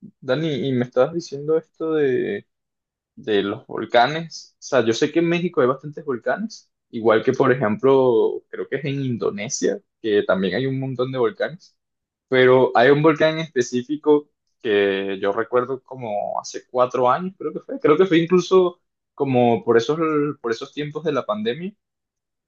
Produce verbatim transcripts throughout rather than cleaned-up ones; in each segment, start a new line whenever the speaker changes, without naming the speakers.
Dani, y me estabas diciendo esto de, de los volcanes. O sea, yo sé que en México hay bastantes volcanes, igual que, por ejemplo, creo que es en Indonesia, que también hay un montón de volcanes, pero hay un volcán en específico que yo recuerdo como hace cuatro años. Creo que fue, creo que fue incluso como por esos, por esos tiempos de la pandemia,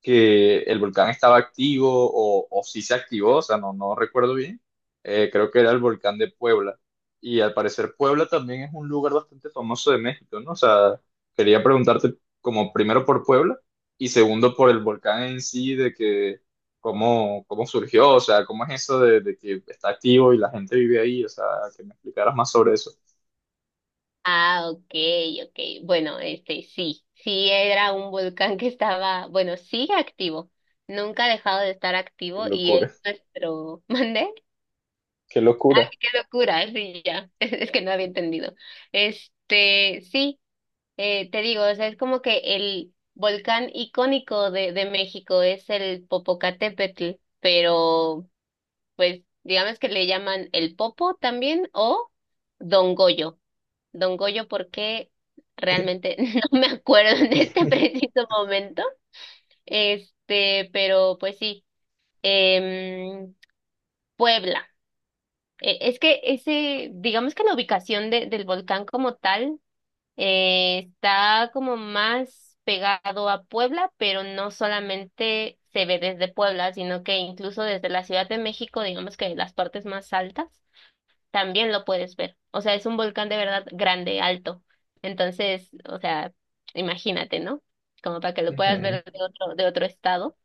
que el volcán estaba activo o, o si se activó. O sea, no, no recuerdo bien. Eh, creo que era el volcán de Puebla. Y al parecer Puebla también es un lugar bastante famoso de México, ¿no? O sea, quería preguntarte como primero por Puebla y segundo por el volcán en sí, de que cómo, cómo surgió, o sea, cómo es eso de, de que está activo y la gente vive ahí. O sea, que me explicaras más sobre eso.
Ah, ok, ok. Bueno, este sí, sí era un volcán que estaba, bueno, sigue activo. Nunca ha dejado de estar
Qué
activo y es
locura,
nuestro, ¿mandé?
qué locura.
Qué locura, ¿eh? Sí, ya. Es que no había entendido. Este, sí, eh, te digo, o sea, es como que el volcán icónico de, de México es el Popocatépetl, pero pues digamos que le llaman el Popo también o Don Goyo. Don Goyo, porque realmente no me acuerdo en este preciso momento. Este, pero pues sí, em, Puebla. Eh, es que ese, digamos que la ubicación de- del volcán como tal, eh, está como más pegado a Puebla, pero no solamente se ve desde Puebla, sino que incluso desde la Ciudad de México, digamos que de las partes más altas también lo puedes ver. O sea, es un volcán de verdad grande, alto. Entonces, o sea, imagínate, ¿no? Como para que lo puedas
Ujú.
ver de otro, de otro estado.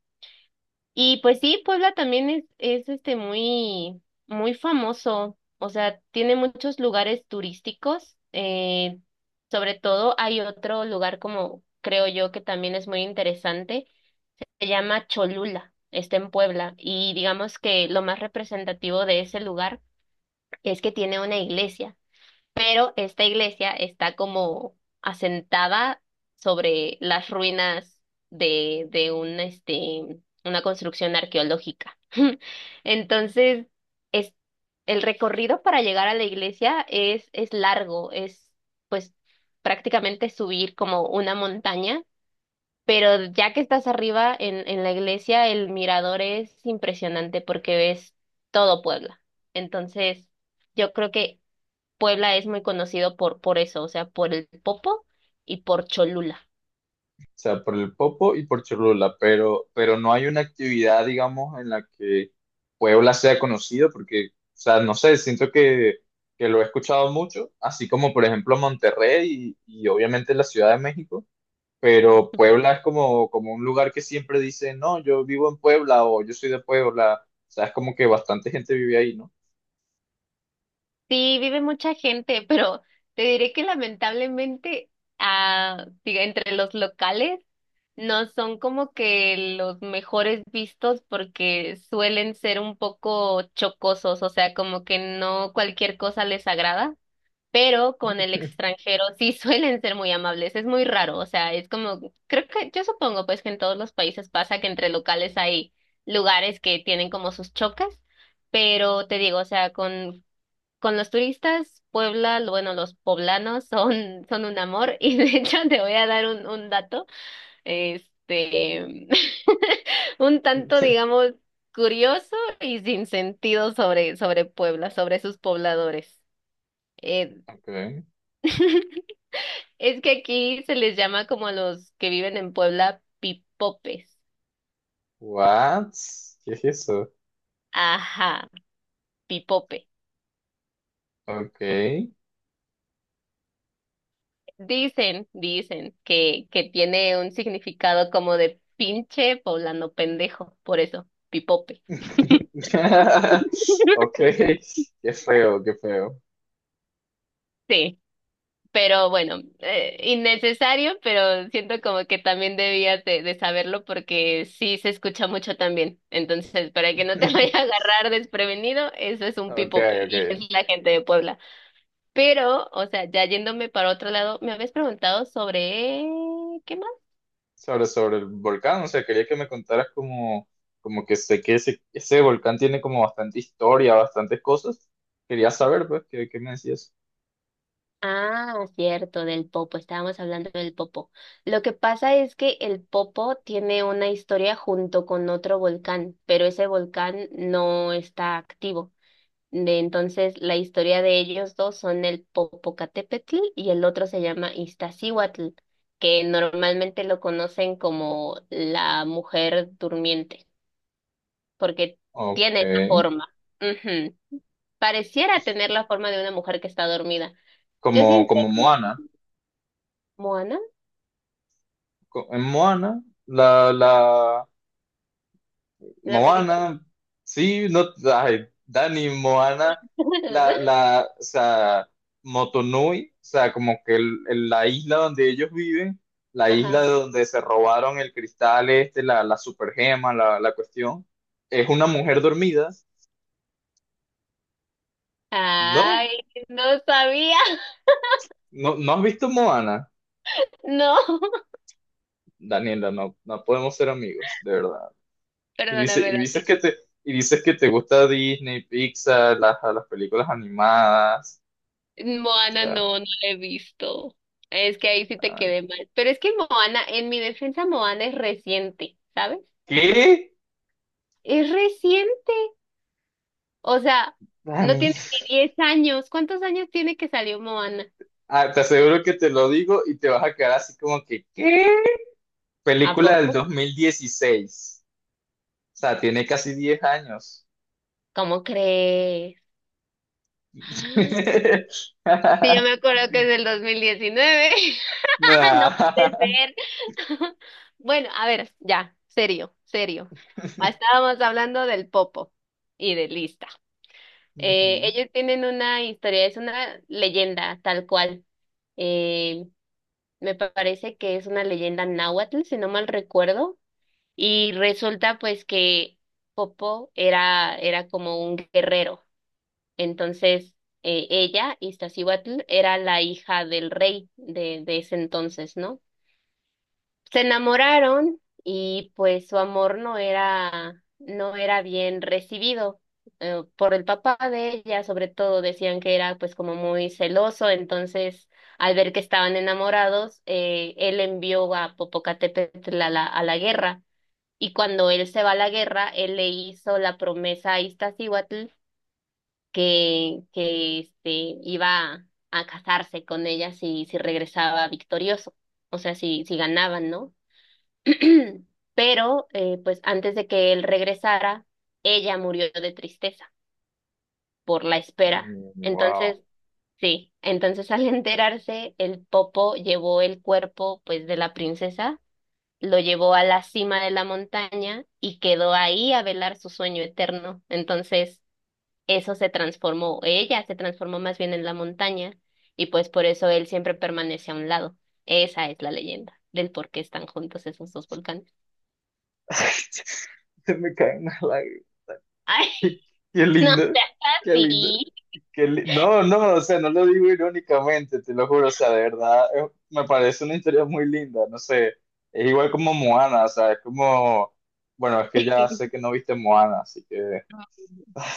Y pues sí, Puebla también es, es este muy, muy famoso. O sea, tiene muchos lugares turísticos. Eh, sobre todo hay otro lugar como creo yo que también es muy interesante. Se llama Cholula. Está en Puebla. Y digamos que lo más representativo de ese lugar es que tiene una iglesia, pero esta iglesia está como asentada sobre las ruinas de, de un, este, una construcción arqueológica. Entonces, es, el recorrido para llegar a la iglesia es, es largo, es pues prácticamente subir como una montaña. Pero ya que estás arriba en, en la iglesia, el mirador es impresionante porque ves todo Puebla. Entonces, yo creo que Puebla es muy conocido por, por eso, o sea, por el Popo y por Cholula.
O sea, por el Popo y por Cholula, pero, pero no hay una actividad, digamos, en la que Puebla sea conocido, porque, o sea, no sé, siento que, que lo he escuchado mucho, así como, por ejemplo, Monterrey y, y obviamente la Ciudad de México, pero Puebla es como, como un lugar que siempre dice, no, yo vivo en Puebla o yo soy de Puebla. O sea, es como que bastante gente vive ahí, ¿no?
Sí, vive mucha gente, pero te diré que lamentablemente, ah, diga, entre los locales no son como que los mejores vistos porque suelen ser un poco chocosos, o sea, como que no cualquier cosa les agrada. Pero con el extranjero sí suelen ser muy amables, es muy raro, o sea, es como, creo que yo supongo pues que en todos los países pasa que entre locales hay lugares que tienen como sus chocas, pero te digo, o sea, con, con los turistas, Puebla, lo- bueno, los poblanos son, son un amor y de hecho te voy a dar un, un dato, este, un tanto, digamos, curioso y sin sentido sobre, sobre Puebla, sobre sus pobladores. Eh,
Ok.
Es que aquí se les llama como a los que viven en Puebla pipopes.
What? ¿Qué es eso?
Ajá, pipope.
Ok.
Dicen, dicen que, que tiene un significado como de pinche poblano pendejo, por eso, pipope.
Ok, qué feo, qué feo.
Sí, pero bueno, eh, innecesario, pero siento como que también debías de, de saberlo porque sí se escucha mucho también. Entonces, para que no te vaya a agarrar desprevenido, eso es un
Ok,
pipope
ok.
y es la gente de Puebla. Pero, o sea, ya yéndome para otro lado, me habías preguntado sobre... ¿Qué más?
Sobre, sobre el volcán. O sea, quería que me contaras como, como que sé que ese, ese volcán tiene como bastante historia, bastantes cosas. Quería saber, pues, qué, qué me decías.
Ah, cierto, del popo. Estábamos hablando del popo. Lo que pasa es que el popo tiene una historia junto con otro volcán, pero ese volcán no está activo. De entonces, la historia de ellos dos son el Popocatépetl y el otro se llama Iztaccíhuatl, que normalmente lo conocen como la mujer durmiente, porque
Ok,
tiene esa forma. Ujú. Pareciera tener la forma de una mujer que está dormida. Yo sí,
como, como Moana.
Moana,
Co- En Moana, la, la,
la película.
Moana, sí, no, ay, Dani, Moana, la, la, o sea, Motonui, o sea, como que el- el- la isla donde ellos viven, la isla
Ajá.
de donde se robaron el cristal este, la, la supergema, la, la cuestión, es una mujer dormida, ¿no?
Ay, no sabía.
¿No, no has visto Moana?
No,
Daniela, no, no podemos ser amigos, de verdad. Y dice,
perdóname,
y dices
Dani.
que te, y dices que te gusta Disney, Pixar, las, las películas animadas, o
Moana
sea,
no, no la he visto. Es que ahí sí te
nada.
quedé mal. Pero es que Moana, en mi defensa, Moana es reciente, ¿sabes?
¿Qué?
Es reciente. O sea, no
Dani.
tiene ni diez años. ¿Cuántos años tiene que salió Moana?
Ah, te aseguro que te lo digo y te vas a quedar así como que, ¿qué?
¿A
Película del
poco?
dos mil dieciséis. O sea, tiene casi diez años.
¿Cómo crees? Sí, yo me acuerdo que es del dos mil diecinueve. No puede
Nah.
ser. Bueno, a ver, ya, serio, serio. Estábamos hablando del Popo y de Lista. Eh,
Ujú.
ellos tienen una historia, es una leyenda tal cual. Eh, me parece que es una leyenda náhuatl, si no mal recuerdo. Y resulta pues que Popo era, era como un guerrero. Entonces, eh, ella, Iztaccíhuatl, era la hija del rey de, de ese entonces, ¿no? Se enamoraron y pues su amor no era, no era bien recibido, eh, por el papá de ella, sobre todo decían que era pues como muy celoso, entonces al ver que estaban enamorados, eh, él envió a Popocatépetl a la, a la guerra, y cuando él se va a la guerra, él le hizo la promesa a Iztaccíhuatl que, que este, iba a casarse con ella si, si regresaba victorioso, o sea, si, si ganaban, ¿no? Pero, eh, pues antes de que él regresara, ella murió de tristeza por la espera.
Mm. Wow.
Entonces, sí, entonces al enterarse, el Popo llevó el cuerpo, pues, de la princesa, lo llevó a la cima de la montaña y quedó ahí a velar su sueño eterno. Entonces, eso se transformó, ella se transformó más bien en la montaña, y pues por eso él siempre permanece a un lado. Esa es la leyenda del por qué están juntos esos dos volcanes.
Se me caen las lágrimas.
Ay,
Qué, qué
no
lindo.
seas
Qué lindo.
así.
que li- No, no, o sea, no lo digo irónicamente, te lo juro, o sea, de verdad, eh, me parece una historia muy linda, no sé, es igual como Moana, o sea, es como, bueno, es que ya sé que no viste Moana, así que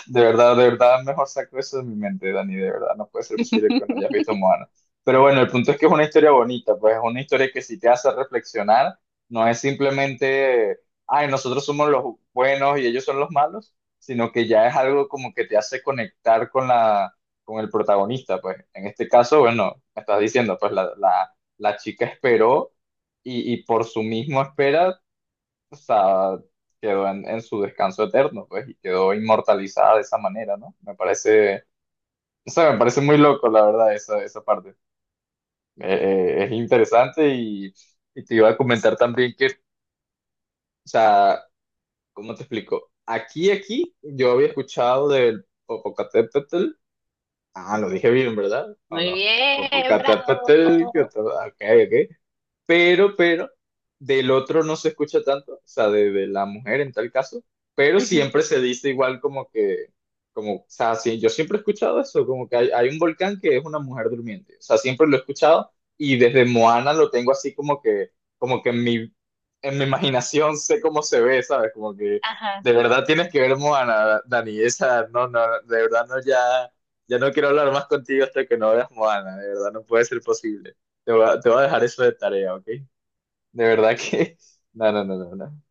de verdad, de verdad, mejor saco eso de mi mente, Dani, de verdad, no puede ser posible que no hayas visto Moana. Pero bueno, el punto es que es una historia bonita, pues es una historia que sí te hace reflexionar, no es simplemente, ay, nosotros somos los buenos y ellos son los malos, sino que ya es algo como que te hace conectar con la, con el protagonista, pues en este caso, bueno, me estás diciendo, pues la, la, la chica esperó y, y por su mismo espera, o sea, quedó en, en su descanso eterno, pues, y quedó inmortalizada de esa manera, ¿no? Me parece, o sea, me parece muy loco, la verdad, esa, esa parte. Eh, eh, es interesante y, y te iba a comentar también que, o sea, ¿cómo te explico? Aquí, aquí, yo había escuchado del Popocatépetl, ah, lo
Ujú.
dije bien, ¿verdad? ¿O
Muy
no?
bien, bravo.
Popocatépetl, que- ok, ok. pero, pero, del otro no se escucha tanto, o sea, de, de la mujer en tal caso, pero
Ujú.
siempre se dice igual como que, como, o sea, sí, yo siempre he escuchado eso, como que hay, hay un volcán que es una mujer durmiente, o sea, siempre lo he escuchado y desde Moana lo tengo así como que, como que en mi, en mi imaginación sé cómo se ve, ¿sabes? Como que
Ajá.
de verdad tienes que ver Moana, Dani, esa, no, no, de verdad no, ya, ya no quiero hablar más contigo hasta que no veas Moana, de verdad no puede ser posible. Te voy a, te voy a dejar eso de tarea, ¿ok? De verdad que... No, no, no, no, no.